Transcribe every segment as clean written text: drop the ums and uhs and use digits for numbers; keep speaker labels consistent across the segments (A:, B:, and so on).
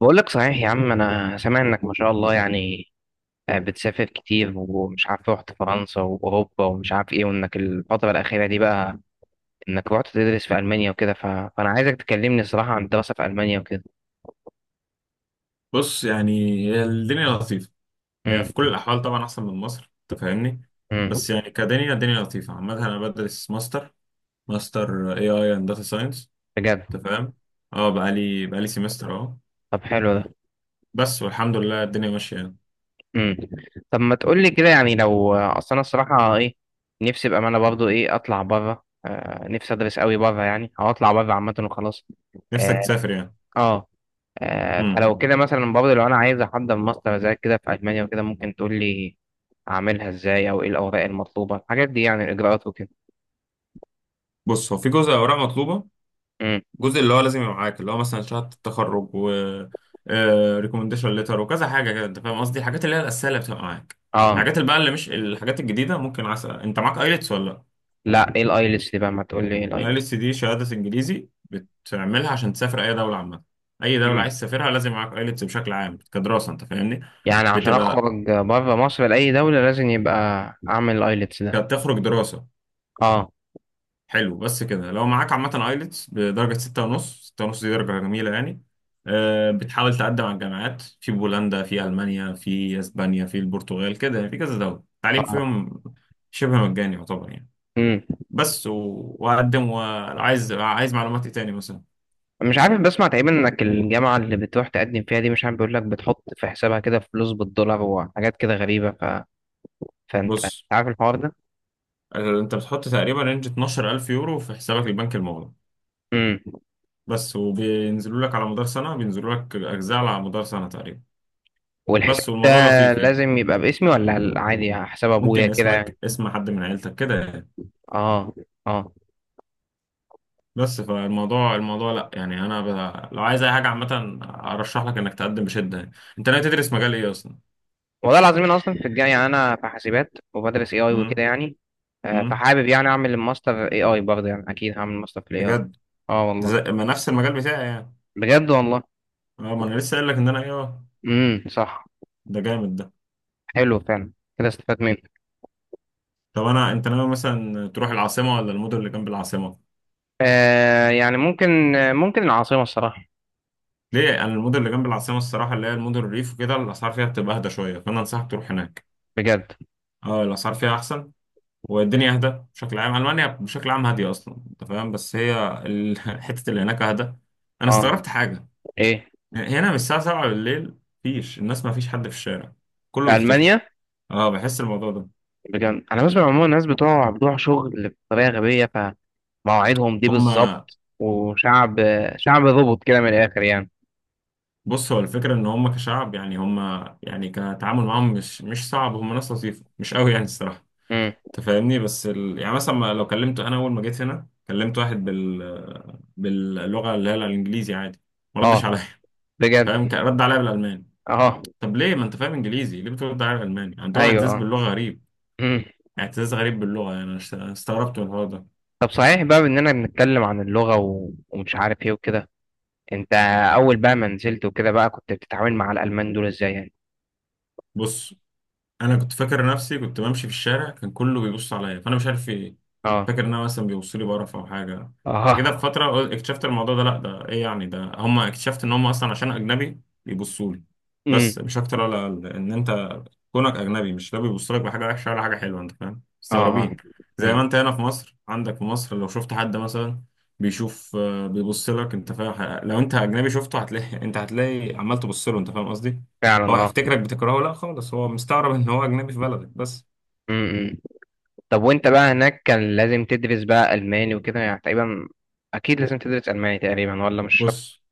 A: بقول لك صحيح يا عم، انا سامع انك ما شاء الله يعني. بتسافر كتير، ومش عارف رحت فرنسا واوروبا ومش عارف ايه، وانك الفتره الاخيره دي بقى انك رحت تدرس في المانيا وكده. فانا عايزك تكلمني الصراحه عن الدراسه في المانيا وكده.
B: بص، يعني هي الدنيا لطيفة. هي
A: امم.
B: في كل الأحوال طبعا أحسن من مصر، أنت فاهمني.
A: امم.
B: بس يعني كدنيا الدنيا لطيفة عامة. أنا بدرس ماستر اي اي اند داتا ساينس،
A: بجد.
B: أنت فاهم. اه بقالي سيمستر اهو.
A: طب حلو ده.
B: بس والحمد لله الدنيا ماشية يعني.
A: امم. طب ما تقول لي كده يعني، لو اصل انا الصراحه ايه نفسي بقى، انا برضو ايه اطلع بره نفسي ادرس قوي بره يعني، او اطلع بره عامه وخلاص.
B: نفسك
A: اه.
B: تسافر يعني.
A: آه.
B: امم.
A: فلو كده مثلا برضه لو انا عايز احضر ماستر زي كده في المانيا وكده، ممكن تقول لي اعملها ازاي، او ايه الاوراق المطلوبه الحاجات دي، يعني الاجراءات وكده.
B: بص، هو في جزء أوراق مطلوبة،
A: امم.
B: جزء اللي هو لازم يبقى معاك اللي هو مثلا شهادة التخرج و ريكومنديشن ليتر وكذا حاجة كده. أنت فاهم قصدي الحاجات اللي هي الأساسية اللي بتبقى معاك.
A: اه.
B: الحاجات اللي بقى اللي مش الحاجات الجديدة. ممكن عسى أنت معاك ايلتس ولا لأ؟
A: لا، ايه الايلتس دي بقى؟ ما تقول لي ايه الايلتس.
B: الايلتس دي شهادة انجليزي بتعملها عشان تسافر اي دولة عامة. اي دولة
A: امم.
B: عايز تسافرها لازم معاك ايلتس بشكل عام كدراسة، انت فاهمني.
A: يعني عشان
B: بتبقى
A: اخرج بره مصر لاي دوله لازم يبقى اعمل الايلتس ده.
B: بتخرج دراسة.
A: اه،
B: حلو. بس كده لو معاك عامة ايلتس بدرجة ستة ونص، ستة ونص دي درجة جميلة يعني. بتحاول تقدم على الجامعات في بولندا، في المانيا، في اسبانيا، في البرتغال، كده يعني في كذا دولة التعليم
A: اه.
B: فيهم شبه مجاني يعتبر يعني.
A: امم.
B: بس و- وأقدم. وعايز معلومات إيه تاني مثلا.
A: مش عارف بسمع تقريبا انك الجامعه اللي بتروح تقدم فيها دي، مش عارف بيقول لك بتحط في حسابها كده فلوس بالدولار وحاجات كده غريبه. فانت
B: بص،
A: عارف الحوار ده.
B: انت بتحط تقريبا رينج 12,000 يورو في حسابك البنك المغلق.
A: امم.
B: بس، وبينزلوا لك على مدار سنة، بينزلوا لك أجزاء على مدار سنة تقريبا.
A: والحساب
B: بس
A: ده
B: والموضوع لطيف يعني.
A: لازم يبقى باسمي، ولا عادي حساب ابويا
B: ممكن
A: كده يعني؟
B: اسمك، اسم حد من عيلتك كده يعني.
A: اه، اه.
B: بس فالموضوع لا يعني لو عايز اي حاجة عامة ارشح لك انك تقدم بشدة يعني. انت ناوي تدرس مجال ايه اصلا؟
A: والله العظيم انا اصلا في الجاي يعني، انا في حاسبات وبدرس اي اي وكده
B: امم.
A: يعني.
B: امم.
A: فحابب يعني اعمل الماستر اي اي برضه، يعني اكيد هعمل ماستر في الاي اي.
B: بجد؟
A: اه
B: ده
A: والله.
B: ما نفس المجال بتاعي يعني.
A: بجد والله.
B: اه، ما انا لسه قايل لك ان انا ايه.
A: امم، صح.
B: ده جامد ده.
A: حلو فعلا. كده استفدت منه.
B: طب انت ناوي مثلا تروح العاصمة ولا المدن اللي جنب العاصمة؟
A: يعني ممكن. ممكن العاصمة الصراحة.
B: ليه؟ انا المدن اللي جنب العاصمه الصراحه اللي هي المدن الريف وكده الاسعار فيها بتبقى اهدى شويه، فانا انصحك تروح هناك.
A: بجد.
B: اه، الاسعار فيها احسن والدنيا اهدى. بشكل عام، المانيا بشكل عام هاديه اصلا انت فاهم، بس هي حته اللي هناك اهدى. انا
A: اه.
B: استغربت حاجه،
A: ايه.
B: هنا من الساعه 7 بالليل مفيش الناس، مفيش حد في الشارع، كله
A: في
B: بيختفي.
A: المانيا.
B: اه، بحس الموضوع ده.
A: بجد، انا بسمع عموما الناس بتوع شغل بطريقة غبية، مواعيدهم دي
B: هما.
A: بالظبط، وشعب شعب ظبط كده من الاخر يعني.
B: بص، هو الفكره ان هما كشعب يعني، هما يعني كتعامل معاهم مش صعب، هما ناس لطيفه مش قوي يعني الصراحه،
A: امم.
B: تفهمني. بس يعني مثلا لو كلمت، انا اول ما جيت هنا كلمت واحد باللغه اللي هي الانجليزي عادي، ما ردش
A: اه.
B: عليا
A: بجد.
B: فاهم. كان رد عليا بالالماني.
A: اه.
B: طب ليه؟ ما انت فاهم انجليزي، ليه بترد عليا بالالماني؟ عندهم
A: ايوه،
B: اعتزاز
A: اه.
B: باللغه غريب،
A: امم.
B: اعتزاز غريب باللغه. يعني انا استغربت من الحوار ده.
A: طب صحيح بقى اننا بنتكلم عن اللغه ومش عارف ايه وكده. انت اول بقى ما نزلت وكده بقى، كنت بتتعامل مع الالمان دول ازاي يعني؟
B: بص، انا كنت فاكر نفسي، كنت بمشي في الشارع كان كله بيبص عليا فانا مش عارف في ايه.
A: اه.
B: فاكر ان انا مثلا بيبصوا لي بقرف او حاجه كده. في
A: اه.
B: فتره اكتشفت الموضوع ده، لا ده ايه يعني، ده هم اكتشفت ان هم اصلا عشان اجنبي بيبصوا لي. بس
A: امم.
B: مش اكتر ولا اقل، ان انت كونك اجنبي مش، لا بيبص لك بحاجه وحشه ولا حاجه حلوه، انت فاهم،
A: اه،
B: مستغربين.
A: اه.
B: زي ما
A: امم.
B: انت هنا في مصر، عندك في مصر لو شفت حد مثلا بيشوف بيبص لك، انت فاهم. لو انت اجنبي شفته هتلاقي انت هتلاقي عمال تبص له، انت فاهم قصدي. هو
A: فعلا اه.
B: هيفتكرك بتكرهه؟ لا خالص، هو مستغرب ان هو اجنبي في بلدك بس.
A: امم. طب وانت بقى هناك كان لازم تدرس بقى الماني وكده يعني تقريبا؟ اكيد لازم تدرس الماني تقريبا، ولا مش شرط؟
B: بص،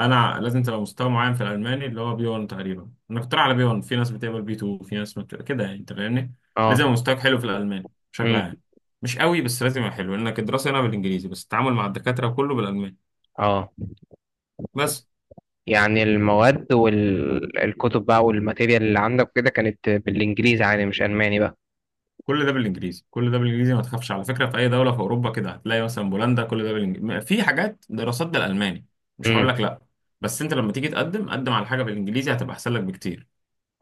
B: انا لازم تبقى مستوى معين في الالماني اللي هو بي 1 تقريبا. انا كنت رايح على بي 1، في ناس بتقبل بي 2، في ناس ما بت... كده يعني، انت فاهمني. لازم
A: اه.
B: يبقى مستواك حلو في الالماني بشكل
A: امم.
B: عام، مش قوي بس لازم يبقى حلو، لانك الدراسه هنا بالانجليزي بس التعامل مع الدكاتره كله بالالماني.
A: اه.
B: بس.
A: يعني المواد والكتب بقى والماتيريال اللي عندك كده كانت بالانجليزي يعني، مش الماني بقى؟
B: كل ده بالانجليزي، كل ده بالانجليزي، ما تخافش على فكره. في اي دوله في اوروبا كده هتلاقي، مثلا بولندا، كل ده بالانجليزي. في حاجات دراسات بالالماني، مش هقول
A: امم.
B: لك لا، بس انت لما تيجي تقدم، قدم على حاجه بالانجليزي هتبقى احسن لك بكتير.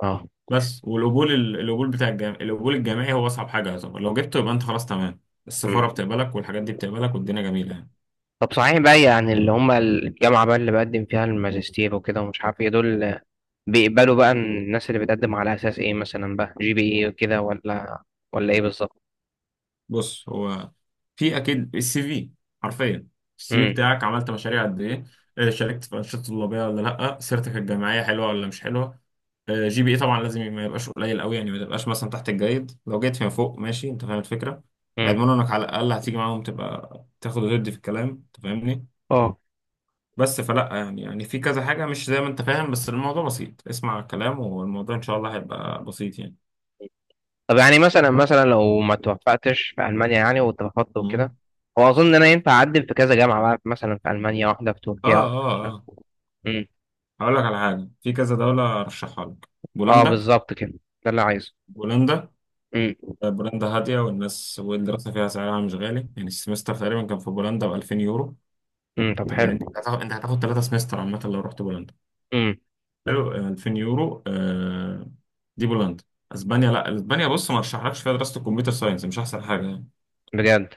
A: اه.
B: بس والقبول القبول بتاع الجامعي، القبول الجامعي هو اصعب حاجه يعتبر. لو جبته يبقى انت خلاص تمام، السفاره
A: امم.
B: بتقبلك والحاجات دي بتقبلك والدنيا جميله يعني.
A: طب صحيح بقى يعني، اللي هم الجامعه بقى اللي بقدم فيها الماجستير وكده ومش عارف ايه دول، بيقبلوا بقى الناس اللي بتقدم على اساس ايه؟ مثلا بقى جي بي اي وكده، ولا ايه بالظبط؟
B: بص، هو في اكيد السي في، حرفيا السي في
A: امم.
B: بتاعك. عملت مشاريع قد ايه؟ شاركت في انشطه طلابيه ولا لا؟ سيرتك الجامعيه حلوه ولا مش حلوه؟ جي بي اي طبعا لازم ما يبقاش قليل قوي يعني، ما تبقاش مثلا تحت الجيد، لو جيت فيما فوق ماشي، انت فاهم الفكره.
A: امم.
B: هيضمنوا انك على الاقل هتيجي معاهم تبقى تاخد وتدي في الكلام، انت فاهمني.
A: اه.
B: بس فلا يعني في كذا حاجة مش زي ما انت فاهم، بس الموضوع بسيط، اسمع الكلام والموضوع ان شاء الله هيبقى بسيط يعني.
A: طب يعني مثلا لو ما توفقتش في المانيا يعني واترفضت وكده،
B: مم.
A: هو اظن ان انا ينفع اقدم في كذا جامعه بقى، مثلا في المانيا واحده في
B: اه
A: تركيا
B: اه اه.
A: واحدة.
B: هقول لك على حاجة، في كذا دولة ارشحها لك.
A: اه
B: بولندا.
A: بالظبط كده، ده اللي عايزه.
B: بولندا.
A: امم.
B: بولندا هادية، والناس والدراسة فيها سعرها مش غالي يعني. السمستر تقريبا كان في بولندا ب 2000 يورو،
A: امم، طب
B: انت فاهم.
A: حلو.
B: انت هتاخد ثلاثة سمستر عامة لو رحت بولندا.
A: امم.
B: حلو. 2000 يورو. دي بولندا. اسبانيا، لا، اسبانيا بص ما ارشحلكش فيها دراسة الكمبيوتر ساينس، مش احسن حاجة.
A: بجد.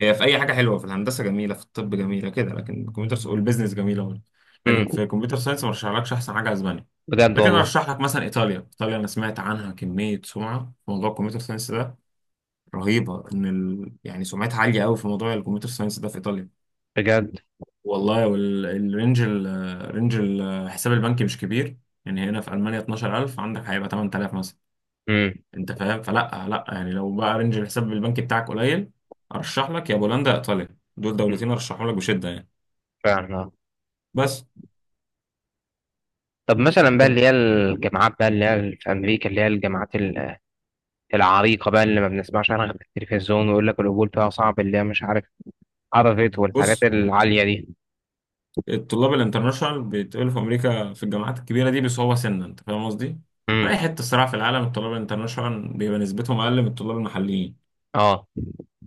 B: هي في اي حاجه حلوه، في الهندسه جميله، في الطب جميله كده، لكن الكمبيوتر والبيزنس جميله برضه،
A: امم.
B: لكن في كمبيوتر ساينس ما رشحلكش احسن حاجه اسبانيا.
A: بجد
B: لكن
A: والله.
B: ارشح لك مثلا ايطاليا. ايطاليا انا سمعت عنها كميه سمعه في موضوع الكمبيوتر ساينس ده رهيبه، يعني سمعتها عاليه قوي في موضوع الكمبيوتر ساينس ده في ايطاليا.
A: بجد.
B: والله. والرينج الحساب البنكي مش كبير يعني. هنا في المانيا 12,000 عندك هيبقى 8,000 مثلا،
A: امم.
B: انت فاهم. فلا لا يعني لو بقى رينج الحساب البنكي بتاعك قليل، ارشح لك يا بولندا يا ايطاليا، دول
A: أمم،
B: دولتين ارشحهم لك بشده يعني.
A: فعلا آه.
B: بس.
A: طب مثلا بقى
B: طب
A: اللي هي الجامعات بقى، اللي هي في امريكا، اللي هي الجامعات العريقه بقى، اللي ما بنسمعش عنها غير في التلفزيون، ويقول لك القبول فيها صعب، اللي هي مش عارف عرفت والحاجات
B: بص،
A: العاليه دي.
B: الطلاب الانترناشونال بيتقبلوا في امريكا في الجامعات الكبيره دي بصعوبه سنه، انت فاهم قصدي. في
A: امم.
B: اي حته الصراحه في العالم الطلاب الانترناشونال بيبقى نسبتهم اقل من الطلاب المحليين.
A: اه.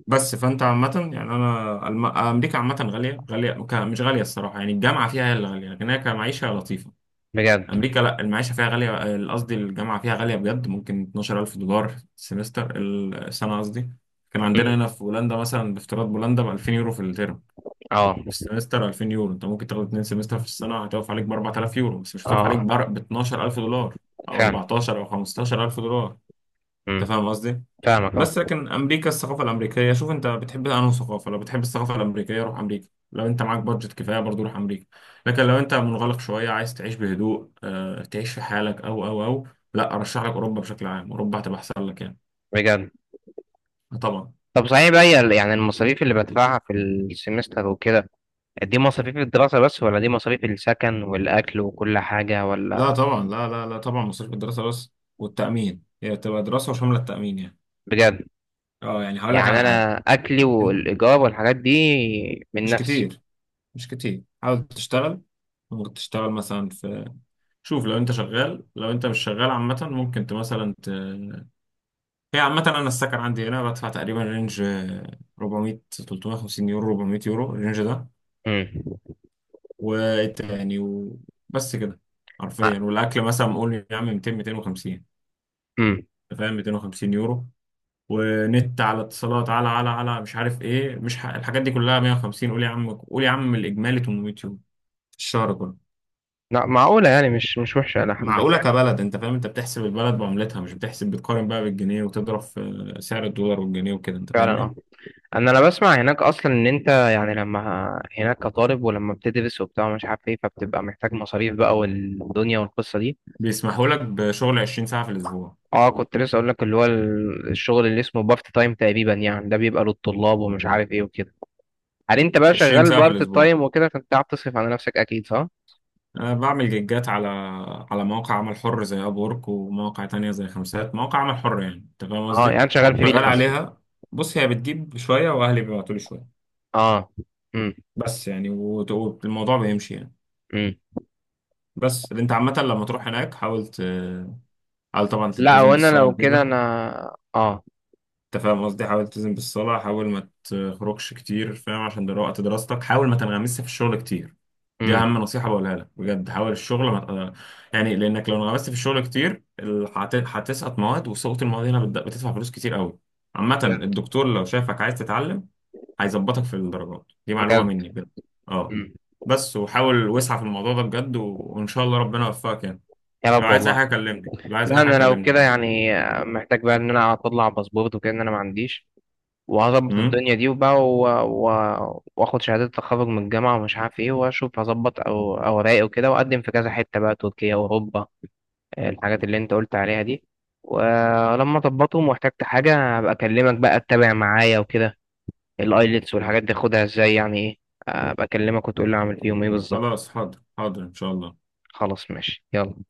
B: بس فانت عامه يعني، انا امريكا عامه غاليه، غاليه، مش غاليه الصراحه يعني، الجامعه فيها هي اللي غاليه، لكن هي كمعيشه لطيفه.
A: بجد.
B: امريكا لا المعيشه فيها غاليه، قصدي الجامعه فيها غاليه بجد، ممكن 12,000 دولار السمستر، السنه قصدي. كان
A: امم.
B: عندنا هنا في هولندا مثلا، بافتراض هولندا ب 2000 يورو في الترم،
A: اه،
B: في السمستر 2000 يورو، انت ممكن تاخد اتنين سمستر في السنه، هتقف عليك ب 4,000 يورو، بس مش هتقف عليك
A: اه.
B: ب 12,000 دولار، او
A: فعلا.
B: 14 او 15,000 دولار،
A: امم.
B: انت فاهم قصدي.
A: فاهمك اه.
B: بس لكن امريكا الثقافه الامريكيه، شوف انت بتحب انهي ثقافه. لو بتحب الثقافه الامريكيه روح امريكا، لو انت معاك بادجت كفايه برضو روح امريكا. لكن لو انت منغلق شويه عايز تعيش بهدوء، تعيش في حالك او لا، ارشح لك اوروبا بشكل عام، اوروبا هتبقى احسن لك يعني.
A: بجد.
B: آه طبعا.
A: طب صحيح بقى هي يعني المصاريف اللي بدفعها في السمستر وكده، دي مصاريف الدراسة بس، ولا دي مصاريف السكن والأكل وكل حاجة،
B: لا
A: ولا؟
B: طبعا، لا لا لا، طبعا مصاريف الدراسه بس، والتامين، هي تبقى دراسه وشامله التامين يعني.
A: بجد.
B: اه، يعني هقول لك
A: يعني
B: على حاجه.
A: أنا أكلي
B: انت
A: والإيجار والحاجات دي من
B: مش
A: نفسي.
B: كتير، مش كتير، حاول تشتغل، ممكن تشتغل مثلا في، شوف لو انت شغال، لو انت مش شغال عامه ممكن مثلا. هي عامة أنا السكن عندي هنا بدفع تقريبا رينج، 400 350 يورو، 400 يورو الرينج ده
A: امم.
B: والتاني وبس كده حرفيا. والأكل مثلا قول يا عم 200 250،
A: امم.
B: أنت فاهم، 250 يورو. ونت على اتصالات، على على مش عارف إيه، مش ح... الحاجات دي كلها 150، قول يا عم، قول يا عم، الإجمالي 800 يورو في الشهر كله.
A: لا معقولة يعني، مش وحشة إلى حد ما.
B: معقولة كبلد أنت فاهم، أنت بتحسب البلد بعملتها، مش بتحسب بتقارن بقى بالجنيه وتضرب في سعر الدولار والجنيه وكده، أنت
A: فعلا
B: فاهمني.
A: أه. أنا بسمع هناك أصلا إن أنت يعني لما هناك كطالب، ولما بتدرس وبتاع ومش عارف إيه، فبتبقى محتاج مصاريف بقى والدنيا والقصة دي.
B: بيسمحوا لك بشغل 20 ساعة في الأسبوع.
A: كنت لسه أقول لك اللي هو الشغل اللي اسمه بافت تايم تقريبا يعني، ده بيبقى للطلاب ومش عارف إيه وكده. هل انت بقى
B: 20
A: شغال
B: ساعة في
A: بارت
B: الأسبوع.
A: التايم وكده، فانت قاعد تصرف على نفسك اكيد صح؟
B: أنا بعمل جيجات على مواقع عمل حر زي أب وورك، ومواقع تانية زي خمسات، مواقع عمل حر يعني، أنت فاهم
A: اه،
B: قصدي؟
A: يعني أنت شغال
B: شغال
A: فريلانس
B: عليها. بص، هي بتجيب شوية وأهلي بيبعتولي شوية،
A: اه. امم.
B: بس يعني والموضوع بيمشي يعني.
A: امم.
B: بس اللي أنت عامة لما تروح هناك حاول حاول طبعا
A: لا
B: تلتزم
A: وانا
B: بالصلاة
A: لو كده
B: وكده.
A: انا اه.
B: انت فاهم قصدي، حاول تلتزم بالصلاة، حاول ما تخرجش كتير، فاهم، عشان ده وقت دراستك. حاول ما تنغمسش في الشغل كتير، دي
A: امم.
B: أهم نصيحة بقولها لك بجد. حاول الشغل ما يعني، لأنك لو انغمست في الشغل كتير هتسقط مواد، وسقوط المواد هنا بتدفع فلوس كتير قوي. عامة
A: بجد.
B: الدكتور لو شافك عايز تتعلم هيظبطك في الدرجات، دي معلومة
A: بجد.
B: مني بجد. اه.
A: امم.
B: بس وحاول واسعى في الموضوع ده بجد وإن شاء الله ربنا يوفقك يعني.
A: يا
B: لو
A: رب
B: عايز أي
A: والله.
B: حاجة كلمني، لو عايز
A: لا
B: أي حاجة
A: انا لو كده
B: كلمني.
A: يعني محتاج بقى ان انا اطلع باسبورت وكده، ان انا ما عنديش، وهظبط
B: امم.
A: الدنيا دي وبقى واخد شهادة تخرج من الجامعة ومش عارف ايه، واشوف هظبط او اوراقي وكده، واقدم في كذا حتة بقى تركيا واوروبا الحاجات اللي انت قلت عليها دي. ولما اظبطهم واحتجت حاجة هبقى اكلمك بقى تتابع معايا وكده. الايلتس والحاجات دي خدها ازاي يعني ايه، ابقى اكلمك وتقول لي اعمل فيهم ايه بالظبط.
B: خلاص، حاضر حاضر إن شاء الله.
A: خلاص ماشي يلا.